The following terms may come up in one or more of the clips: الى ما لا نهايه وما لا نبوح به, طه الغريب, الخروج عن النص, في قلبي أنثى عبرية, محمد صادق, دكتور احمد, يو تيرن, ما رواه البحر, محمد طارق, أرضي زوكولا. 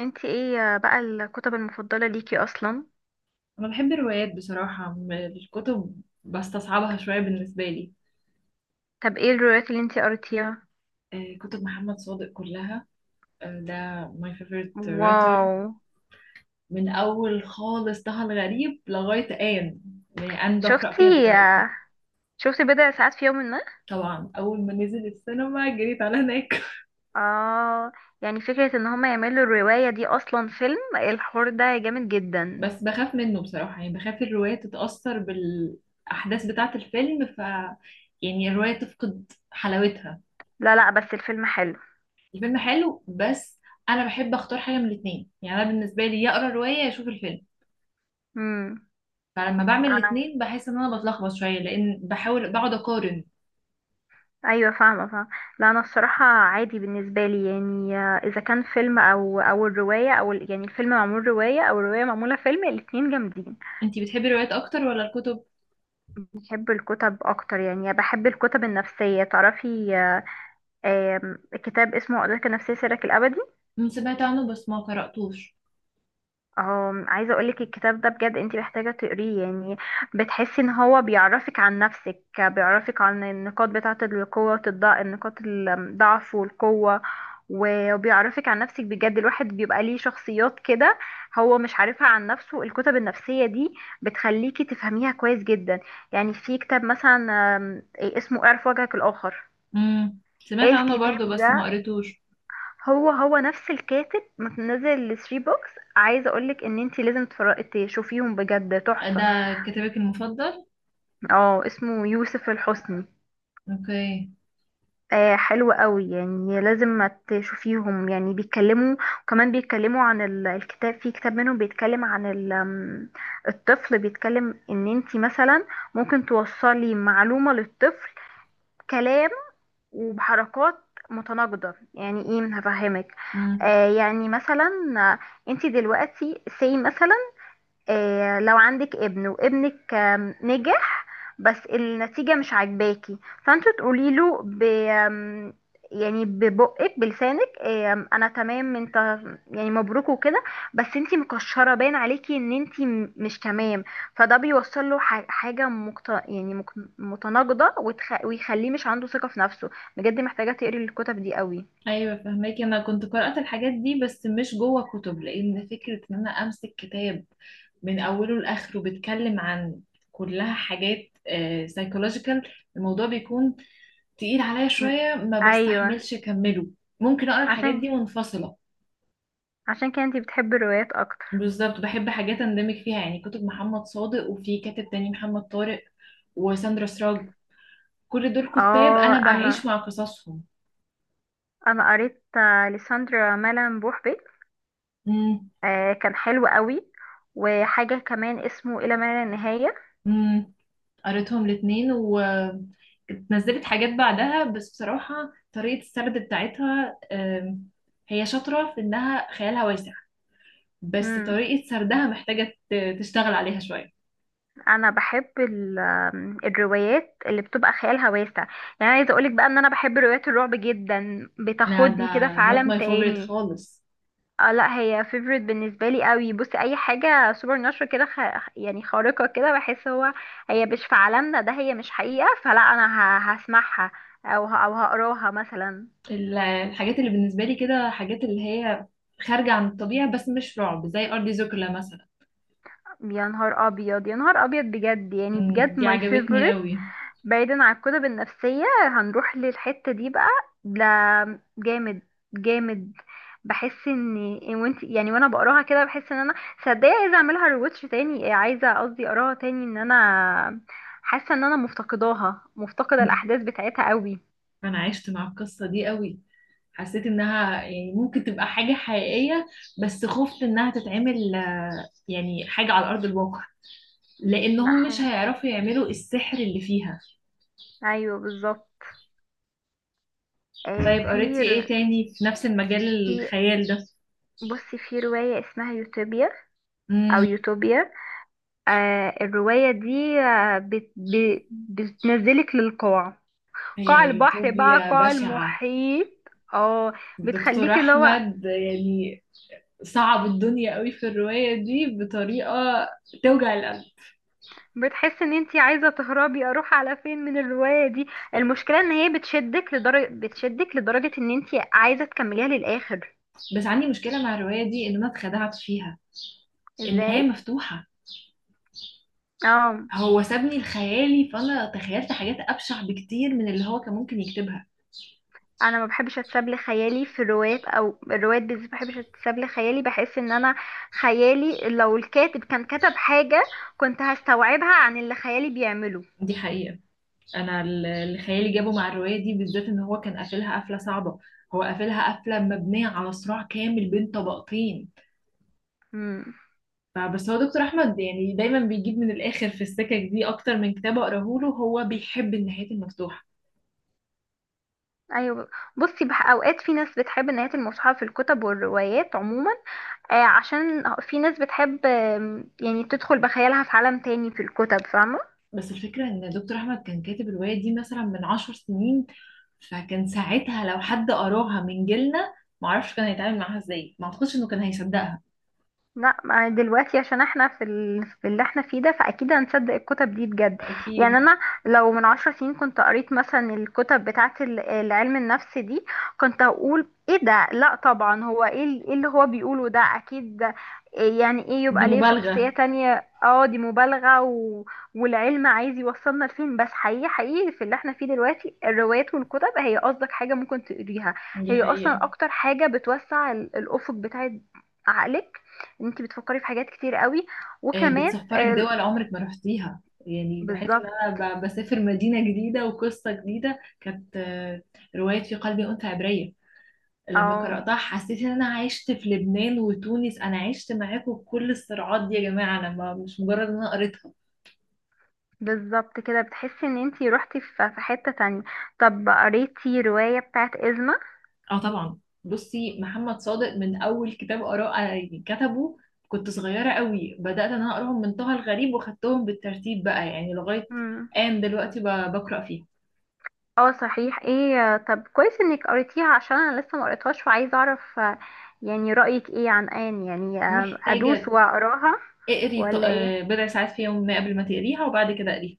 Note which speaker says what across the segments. Speaker 1: انت ايه بقى الكتب المفضلة ليكي اصلا؟
Speaker 2: انا بحب الروايات بصراحه الكتب بستصعبها شويه بالنسبه لي.
Speaker 1: طب ايه الروايات اللي انت قريتيها؟
Speaker 2: آه، كتب محمد صادق كلها. آه، ده my favorite writer.
Speaker 1: واو.
Speaker 2: من اول خالص طه الغريب لغايه آن. يعني آن بقرا فيها
Speaker 1: شفتي
Speaker 2: دلوقتي.
Speaker 1: شفتي بضع ساعات في يوم ما؟
Speaker 2: طبعا اول ما نزل السينما جريت على هناك.
Speaker 1: اه، يعني فكرة ان هما يعملوا الرواية دي اصلا فيلم، الحوار ده جامد جدا.
Speaker 2: بس بخاف منه بصراحه، يعني بخاف الروايه تتاثر بالاحداث بتاعه الفيلم، يعني الروايه تفقد حلاوتها.
Speaker 1: لا لا، بس الفيلم حلو.
Speaker 2: الفيلم حلو بس. انا بحب اختار حاجه من الاثنين، يعني انا بالنسبه لي يا اقرا روايه يا اشوف الفيلم.
Speaker 1: امم،
Speaker 2: فلما بعمل
Speaker 1: انا
Speaker 2: الاتنين بحس ان انا بتلخبط شويه لان بحاول بقعد اقارن.
Speaker 1: ايوه، فاهمة. لا انا الصراحة عادي بالنسبة لي، يعني اذا كان فيلم او الرواية او يعني الفيلم معمول رواية او الرواية معمولة فيلم، الاتنين جامدين.
Speaker 2: انتي بتحبي الروايات اكتر ولا الكتب؟
Speaker 1: بحب الكتب اكتر، يعني بحب الكتب النفسيه، تعرفي؟ آم، كتاب اسمه أدرك النفسيه سرك الابدي.
Speaker 2: سمعت عنه بس ما قراتوش.
Speaker 1: عايزه اقولك الكتاب ده بجد انت محتاجه تقريه، يعني بتحسي ان هو بيعرفك عن نفسك، بيعرفك عن النقاط بتاعه القوه والضعف، النقاط الضعف والقوه، و- وبيعرفك عن نفسك بجد. الواحد بيبقى ليه شخصيات كده هو مش عارفها عن نفسه. الكتب النفسيه دي بتخليكي تفهميها كويس جدا. يعني في كتاب مثلا اسمه اعرف وجهك الاخر.
Speaker 2: سمعت عنه برضو
Speaker 1: الكتاب
Speaker 2: بس ما
Speaker 1: ده،
Speaker 2: قريتوش.
Speaker 1: هو نفس الكاتب، منزل 3 بوكس. عايزه اقولك ان انتي لازم تشوفيهم، بجد تحفه.
Speaker 2: ده كتابك المفضل؟
Speaker 1: اه اسمه يوسف الحسني.
Speaker 2: اوكي.
Speaker 1: آه حلو قوي، يعني لازم ما تشوفيهم. يعني بيتكلموا، وكمان بيتكلموا عن الكتاب. في كتاب منهم بيتكلم عن ال- آم، الطفل، بيتكلم ان انتي مثلا ممكن توصلي معلومه للطفل كلام وبحركات متناقضة. يعني ايه؟ هفهمك.
Speaker 2: مم.
Speaker 1: آه يعني مثلا، آه، انت دلوقتي سي مثلا، لو عندك ابن وابنك نجح، بس النتيجة مش عاجباكي، فانتوا تقولي له ب يعني ببقك بلسانك انا تمام انت، يعني مبروك وكده، بس انتي مكشرة باين عليكي ان انتي مش تمام. فده بيوصل له ح- حاجة مقت... يعني مك... متناقضة ويخليه مش عنده ثقة في نفسه. بجد محتاجة تقري الكتب دي قوي.
Speaker 2: ايوه فهماكي، انا كنت قرأت الحاجات دي بس مش جوه كتب، لان فكرة ان انا امسك كتاب من اوله لاخره بيتكلم عن كلها حاجات سايكولوجيكال، الموضوع بيكون تقيل عليا
Speaker 1: م.
Speaker 2: شوية ما
Speaker 1: ايوه.
Speaker 2: بستحملش اكمله. ممكن اقرا الحاجات
Speaker 1: عشان،
Speaker 2: دي منفصلة.
Speaker 1: عشان كده انتي بتحبي الروايات اكتر.
Speaker 2: بالظبط، بحب حاجات اندمج فيها، يعني كتب محمد صادق وفي كاتب تاني محمد طارق وساندرا سراج، كل دول كتاب
Speaker 1: اه
Speaker 2: انا بعيش
Speaker 1: انا،
Speaker 2: مع قصصهم.
Speaker 1: انا قريت لساندرا مالان بوحبي، كان حلو قوي. وحاجة كمان اسمه إلى ما لا نهاية.
Speaker 2: امم قريتهم الاتنين ونزلت حاجات بعدها، بس بصراحة طريقة السرد بتاعتها هي شاطرة في إنها خيالها واسع، بس
Speaker 1: مم.
Speaker 2: طريقة سردها محتاجة تشتغل عليها شوية.
Speaker 1: أنا بحب ال- آم، الروايات اللي بتبقى خيالها واسع. يعني عايزة أقولك بقى إن أنا بحب روايات الرعب جدا،
Speaker 2: لا ده
Speaker 1: بتاخدني كده في
Speaker 2: not
Speaker 1: عالم
Speaker 2: my favorite
Speaker 1: تاني.
Speaker 2: خالص.
Speaker 1: اه لا هي فيفورت بالنسبة لي قوي. بصي أي حاجة سوبر ناتشورال كده، يعني خارقة كده، بحس هي مش في عالمنا ده، هي مش حقيقة، فلا أنا هسمعها أو أو هقراها مثلا.
Speaker 2: الحاجات اللي بالنسبة لي كده، حاجات اللي هي خارجة عن الطبيعة بس مش رعب، زي أرضي زوكولا مثلا.
Speaker 1: يا نهار ابيض، يا نهار ابيض بجد، يعني
Speaker 2: مم،
Speaker 1: بجد
Speaker 2: دي
Speaker 1: ماي
Speaker 2: عجبتني
Speaker 1: فيفورت.
Speaker 2: قوي.
Speaker 1: بعيدا عن الكتب النفسية، هنروح للحتة دي بقى. لا جامد، جامد. بحس ان إن وانت يعني وانا بقراها كده بحس ان انا، صدقني عايزه اعملها ريواتش تاني، عايزه قصدي اقراها تاني، ان انا حاسه ان انا مفتقداها، مفتقده الاحداث بتاعتها قوي.
Speaker 2: أنا عشت مع القصة دي قوي، حسيت انها يعني ممكن تبقى حاجة حقيقية، بس خفت انها تتعمل يعني حاجة على ارض الواقع،
Speaker 1: لا
Speaker 2: لانهم مش
Speaker 1: حقيقي.
Speaker 2: هيعرفوا يعملوا السحر اللي فيها.
Speaker 1: ايوه بالظبط. آه
Speaker 2: طيب قريتي
Speaker 1: في
Speaker 2: ايه
Speaker 1: ر-
Speaker 2: تاني في نفس المجال،
Speaker 1: في
Speaker 2: الخيال ده؟
Speaker 1: بصي في روايه اسمها يوتوبيا، او
Speaker 2: امم
Speaker 1: يوتوبيا. آه الرواية دي آه بتنزلك للقاع، قاع
Speaker 2: هي
Speaker 1: البحر بقى
Speaker 2: يوتوبيا
Speaker 1: قاع
Speaker 2: بشعة.
Speaker 1: المحيط. اه
Speaker 2: الدكتور
Speaker 1: بتخليك اللي هو
Speaker 2: احمد يعني صعب الدنيا قوي في الرواية دي بطريقة توجع القلب.
Speaker 1: بتحس ان انتي عايزة تهربي، اروح على فين من الرواية دي؟ المشكلة ان هي بتشدك لدرجة، بتشدك لدرجة ان انتي عايزة تكمليها للآخر.
Speaker 2: بس عندي مشكلة مع الرواية دي ان انا اتخدعت فيها.
Speaker 1: ازاي؟
Speaker 2: النهاية مفتوحة،
Speaker 1: اه
Speaker 2: هو سابني لخيالي فانا تخيلت حاجات ابشع بكتير من اللي هو كان ممكن يكتبها.
Speaker 1: انا ما بحبش اتساب لخيالي في الروايات، او الروايات بالذات ما بحبش اتساب لخيالي، بحس ان انا خيالي لو الكاتب كان كتب حاجة كنت هستوعبها عن اللي خيالي بيعمله.
Speaker 2: دي حقيقة. انا اللي خيالي جابه مع الرواية دي بالذات ان هو كان قافلها قفلة صعبة. هو قافلها قفلة مبنية على صراع كامل بين طبقتين.
Speaker 1: امم،
Speaker 2: فبس هو دكتور احمد يعني دايما بيجيب من الاخر في السكك دي، اكتر من كتاب اقراه له هو بيحب النهايات المفتوحة.
Speaker 1: ايوه. بصي بح اوقات في ناس بتحب نهايه المصحف في الكتب والروايات عموما. آه عشان في ناس بتحب يعني تدخل بخيالها في عالم تاني في الكتب، فاهمه؟
Speaker 2: بس الفكرة ان دكتور احمد كان كاتب الرواية دي مثلا من 10 سنين، فكان ساعتها لو حد قراها من جيلنا، معرفش كان هيتعامل معاها ازاي، ما اعتقدش انه كان هيصدقها.
Speaker 1: لا ما دلوقتي عشان احنا في اللي احنا فيه ده، فاكيد هنصدق الكتب دي بجد. يعني
Speaker 2: أكيد
Speaker 1: انا لو من عشر سنين كنت قريت مثلا الكتب بتاعه العلم النفس دي، كنت هقول ايه ده، لا طبعا هو ايه إيه اللي هو بيقوله ده؟ اكيد ده إيه؟ يعني ايه
Speaker 2: دي
Speaker 1: يبقى ليه شخصية
Speaker 2: مبالغة.
Speaker 1: تانية؟ اه دي مبالغة والعلم عايز يوصلنا لفين؟ بس حقيقي، حقيقي في اللي احنا فيه دلوقتي الروايات والكتب هي قصدك حاجة ممكن تقريها.
Speaker 2: دي
Speaker 1: هي اصلا
Speaker 2: حقيقة.
Speaker 1: اكتر حاجة بتوسع الافق بتاع عقلك. انت بتفكري في حاجات كتير قوي،
Speaker 2: آه،
Speaker 1: وكمان
Speaker 2: بتسفرك
Speaker 1: آه،
Speaker 2: دول عمرك ما رحتيها، يعني بحس ان
Speaker 1: بالظبط.
Speaker 2: انا بسافر مدينة جديدة وقصة جديدة. كانت رواية في قلبي أنثى عبرية، لما
Speaker 1: او
Speaker 2: قرأتها حسيت ان انا عشت في لبنان وتونس، انا عشت معاكم بكل الصراعات دي يا جماعة، انا ما مش مجرد ان انا قريتها.
Speaker 1: بالظبط كده بتحسي ان انت روحتي في حتة تانية. طب قريتي رواية بتاعت إزمة؟
Speaker 2: اه طبعا. بصي محمد صادق من اول كتاب قرأ كتبه كنت صغيرة قوي، بدأت ان انا اقراهم من طه الغريب وخدتهم بالترتيب بقى يعني لغاية
Speaker 1: مم.
Speaker 2: آن دلوقتي بقرأ فيه.
Speaker 1: اه صحيح، ايه آه، طب كويس انك قريتيها عشان انا لسه ما قريتهاش، وعايزة اعرف يعني رأيك ايه عن آن؟ يعني ادوس
Speaker 2: محتاجة
Speaker 1: واقراها
Speaker 2: اقري
Speaker 1: ولا ايه؟
Speaker 2: بضع ساعات في يوم ما قبل ما تقريها، وبعد كده اقريها.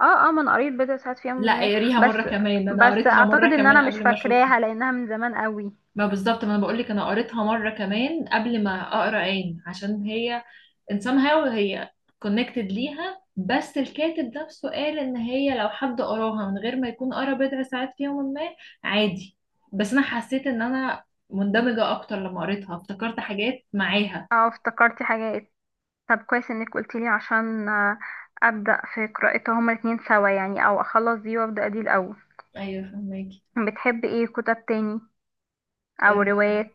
Speaker 1: اه اه، ما انا قريت بضع ساعات في يوم
Speaker 2: لا
Speaker 1: ما.
Speaker 2: اقريها مرة
Speaker 1: بس
Speaker 2: كمان، ده انا
Speaker 1: بس
Speaker 2: قريتها
Speaker 1: اعتقد
Speaker 2: مرة
Speaker 1: ان
Speaker 2: كمان
Speaker 1: انا مش
Speaker 2: قبل ما اشوفها.
Speaker 1: فاكراها لانها من زمان قوي.
Speaker 2: ما بالظبط، ما انا بقول لك انا قريتها مرة كمان قبل ما اقرا عين، عشان هي ان somehow هي كونكتد ليها. بس الكاتب نفسه قال ان هي لو حد قراها من غير ما يكون قرا بضع ساعات في يوم ما عادي. بس انا حسيت ان انا مندمجة اكتر، لما قريتها افتكرت حاجات معاها.
Speaker 1: اه افتكرتي حاجات. طب كويس انك قلتيلي عشان ابدا في قراءتها هما الاتنين سوا، يعني او اخلص دي وابدا دي الاول.
Speaker 2: ايوه فهماكي.
Speaker 1: بتحب ايه كتب تاني او روايات؟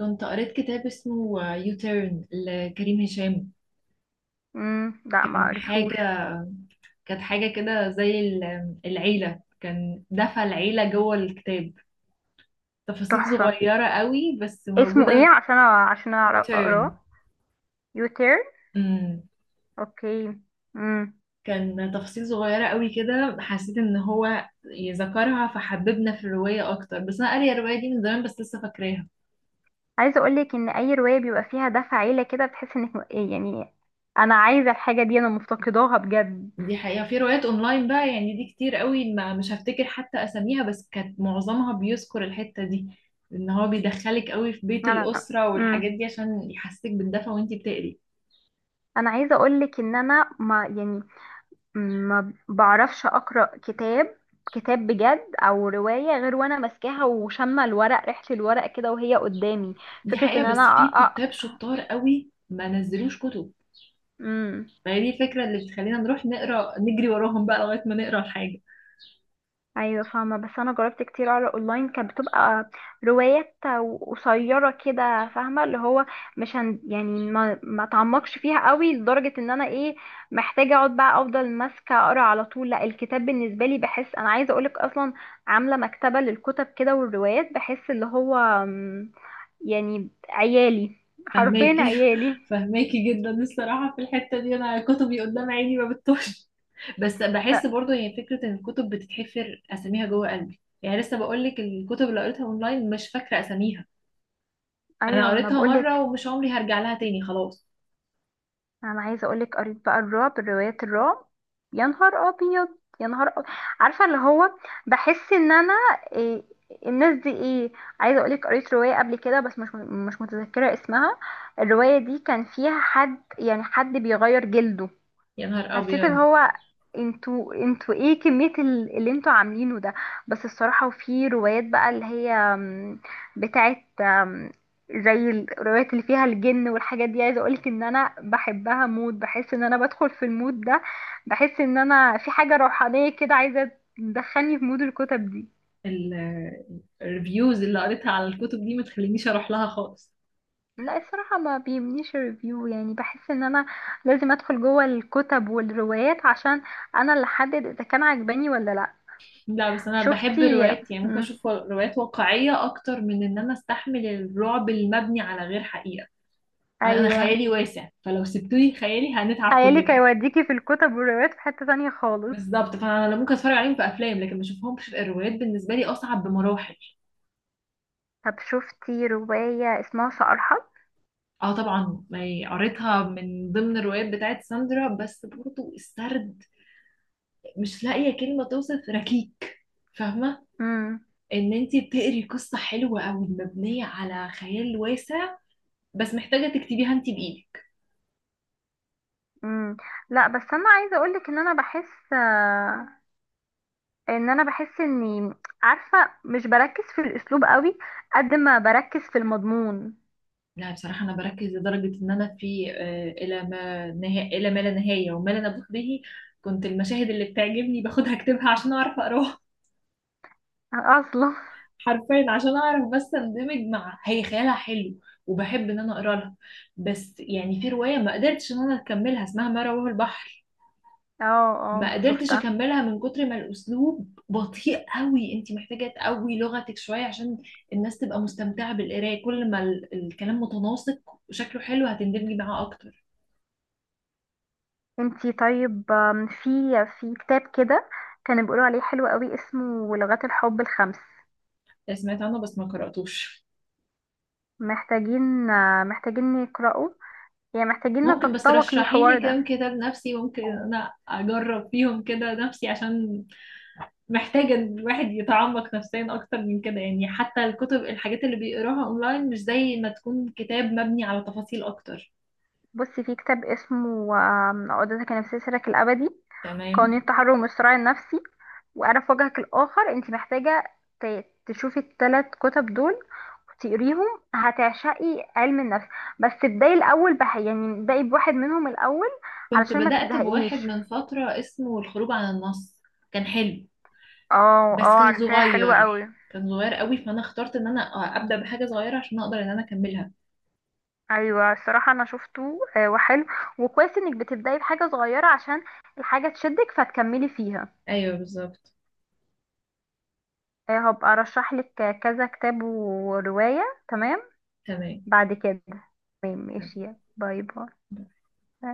Speaker 2: كنت قريت كتاب اسمه يو تيرن لكريم هشام.
Speaker 1: لا ما
Speaker 2: كان
Speaker 1: قريتهوش.
Speaker 2: حاجة كانت حاجة كده، زي العيلة، كان دفع العيلة جوه الكتاب، تفاصيل
Speaker 1: تحفه،
Speaker 2: صغيرة قوي بس
Speaker 1: اسمه ايه
Speaker 2: موجودة.
Speaker 1: عشان عشان
Speaker 2: في يو
Speaker 1: أعرف اقراه؟
Speaker 2: تيرن
Speaker 1: يوتير، اوكي. امم،
Speaker 2: كان تفاصيل صغيرة قوي كده، حسيت ان هو يذكرها فحببنا في الرواية اكتر. بس انا قارية الرواية دي من زمان بس لسه فاكراها.
Speaker 1: عايزه اقولك ان اي روايه بيبقى فيها دفع عيله كده، بتحس انك إيه يعني، انا عايزه الحاجه دي، انا مفتقداها بجد.
Speaker 2: دي حقيقة، في روايات اونلاين بقى يعني دي كتير قوي، ما مش هفتكر حتى اساميها، بس كانت معظمها بيذكر الحتة دي، ان هو بيدخلك قوي في بيت
Speaker 1: انا
Speaker 2: الأسرة والحاجات
Speaker 1: امم،
Speaker 2: دي عشان يحسسك بالدفى وانتي بتقري.
Speaker 1: انا عايزه اقولك ان انا ما يعني ما بعرفش اقرا كتاب، كتاب بجد او روايه، غير وانا ماسكاها وشامه الورق، ريحه الورق كده وهي قدامي.
Speaker 2: دي
Speaker 1: فكره
Speaker 2: حقيقة،
Speaker 1: ان انا
Speaker 2: بس في كتاب شطار قوي ما نزلوش كتب،
Speaker 1: مم.
Speaker 2: فهي دي الفكرة اللي بتخلينا نروح نقرا، نجري وراهم بقى لغاية ما نقرا الحاجة.
Speaker 1: ايوه فاهمه، بس انا جربت كتير اقرا اونلاين، كانت بتبقى روايات قصيره كده، فاهمه اللي هو مش هن يعني ما تعمقش فيها قوي لدرجه ان انا ايه، محتاجه اقعد بقى افضل ماسكه اقرا على طول. لا الكتاب بالنسبه لي بحس، انا عايزه اقولك اصلا عامله مكتبه للكتب كده والروايات، بحس اللي هو يعني عيالي، حرفيا
Speaker 2: فهماكي.
Speaker 1: عيالي.
Speaker 2: فهماكي جدا الصراحة في الحتة دي، انا كتبي قدام عيني ما بتطوش. بس
Speaker 1: ط-
Speaker 2: بحس برضو هي فكرة ان الكتب بتتحفر اساميها جوه قلبي، يعني لسه بقولك الكتب اللي قريتها اونلاين مش فاكرة اساميها. انا
Speaker 1: ايوه ما انا
Speaker 2: قريتها
Speaker 1: بقولك.
Speaker 2: مرة ومش عمري هرجع لها تاني خلاص.
Speaker 1: انا عايزه اقولك قريت بقى الرعب، روايات الرعب، يا نهار ابيض، يا نهار أبيض. عارفه اللي هو بحس ان انا إيه، الناس دي ايه؟ عايزه اقولك قريت روايه قبل كده بس مش متذكره اسمها. الروايه دي كان فيها حد، يعني حد بيغير جلده.
Speaker 2: يا نهار
Speaker 1: حسيت اللي
Speaker 2: ابيض.
Speaker 1: هو انتوا، ايه كمية اللي انتوا عاملينه ده؟ بس الصراحة وفي روايات بقى اللي هي بتاعت زي الروايات اللي فيها الجن والحاجات دي، عايزة اقولك ان انا بحبها مود، بحس ان انا بدخل في المود ده. بحس ان انا في حاجة روحانية كده عايزة تدخلني في مود الكتب دي.
Speaker 2: ال- الريفيوز اللي قريتها على الكتب دي ما تخلينيش اروح لها خالص.
Speaker 1: لا الصراحة ما بيمنيش الريفيو، يعني بحس ان انا لازم ادخل جوه الكتب والروايات عشان انا اللي احدد اذا كان عجباني ولا لا.
Speaker 2: لا بس انا بحب
Speaker 1: شفتي.
Speaker 2: الروايات، يعني ممكن اشوف روايات واقعية اكتر من ان انا استحمل الرعب المبني على غير حقيقة. انا
Speaker 1: ايوه.
Speaker 2: خيالي واسع، فلو سبتولي خيالي هنتعب
Speaker 1: خيالك
Speaker 2: كلنا.
Speaker 1: هيوديكي في الكتب والروايات في حتة تانية خالص.
Speaker 2: بالظبط، فانا ممكن اتفرج عليهم في افلام لكن ما اشوفهمش في الروايات، بالنسبه لي اصعب بمراحل.
Speaker 1: طب شفتي رواية اسمها سأرحل؟
Speaker 2: اه طبعا، ما هي قريتها من ضمن الروايات بتاعت ساندرا، بس برضو السرد مش لاقيه كلمه توصف، ركيك. فاهمه،
Speaker 1: امم.
Speaker 2: ان انت بتقري قصه حلوه قوي مبنيه على خيال واسع بس محتاجه تكتبيها انت بايدك.
Speaker 1: امم لا بس انا عايزة اقولك ان انا بحس ان انا بحس اني، عارفة مش بركز في الاسلوب قوي قد ما بركز في المضمون.
Speaker 2: لا بصراحه انا بركز لدرجه ان انا في الى ما لا نهايه وما لا نبوح به كنت المشاهد اللي بتعجبني باخدها اكتبها عشان اعرف اقراها.
Speaker 1: اصلا
Speaker 2: حرفيا عشان اعرف بس اندمج مع هي خيالها حلو وبحب ان انا اقرا لها. بس يعني في روايه ما قدرتش ان انا اكملها اسمها ما رواه البحر،
Speaker 1: اه
Speaker 2: ما
Speaker 1: اه
Speaker 2: قدرتش
Speaker 1: شفتها.
Speaker 2: اكملها من كتر ما الاسلوب بطيء قوي. انت محتاجه تقوي لغتك شويه عشان الناس تبقى مستمتعه بالقرايه، كل ما الكلام متناسق وشكله حلو هتندمجي معاه اكتر.
Speaker 1: انتي طيب آم، في في كتاب كده كانوا بيقولوا عليه حلو قوي اسمه لغات الحب الخمس.
Speaker 2: آه، سمعت عنه بس ما قراتوش.
Speaker 1: محتاجين محتاجين نقرأه، يعني محتاجين
Speaker 2: ممكن بس
Speaker 1: نتطوق
Speaker 2: رشحي لي
Speaker 1: للحوار ده.
Speaker 2: كام كتاب نفسي ممكن انا اجرب فيهم كده نفسي، عشان محتاجة ان الواحد يتعمق نفسيا اكتر من كده، يعني حتى الكتب الحاجات اللي بيقراها اونلاين مش زي ما تكون كتاب مبني على تفاصيل اكتر.
Speaker 1: بصي في كتاب اسمه عقدتك النفسية سرك الأبدي،
Speaker 2: تمام.
Speaker 1: قوانين التحرر والصراع النفسي، وأعرف وجهك الآخر. انت محتاجة تشوفي التلات كتب دول وتقريهم، هتعشقي علم النفس. بس تبدأي الأول بح، يعني ابدأي بواحد منهم الأول
Speaker 2: كنت
Speaker 1: علشان ما
Speaker 2: بدأت بواحد
Speaker 1: تزهقيش.
Speaker 2: من فترة اسمه الخروج عن النص. كان حلو
Speaker 1: اه
Speaker 2: بس
Speaker 1: اه
Speaker 2: كان
Speaker 1: عارفاه، حلو
Speaker 2: صغير،
Speaker 1: قوي.
Speaker 2: كان صغير قوي، فانا اخترت ان انا ابدأ بحاجة صغيرة عشان اقدر ان انا اكملها.
Speaker 1: ايوه الصراحه انا شفته وحلو. وكويس انك بتبدأي بحاجة صغيرة عشان الحاجة تشدك فتكملي فيها.
Speaker 2: ايوه بالظبط.
Speaker 1: هبقى ارشح لك كذا كتاب ورواية. تمام،
Speaker 2: تمام.
Speaker 1: بعد كده. تمام ماشي.
Speaker 2: تمام.
Speaker 1: باي باي.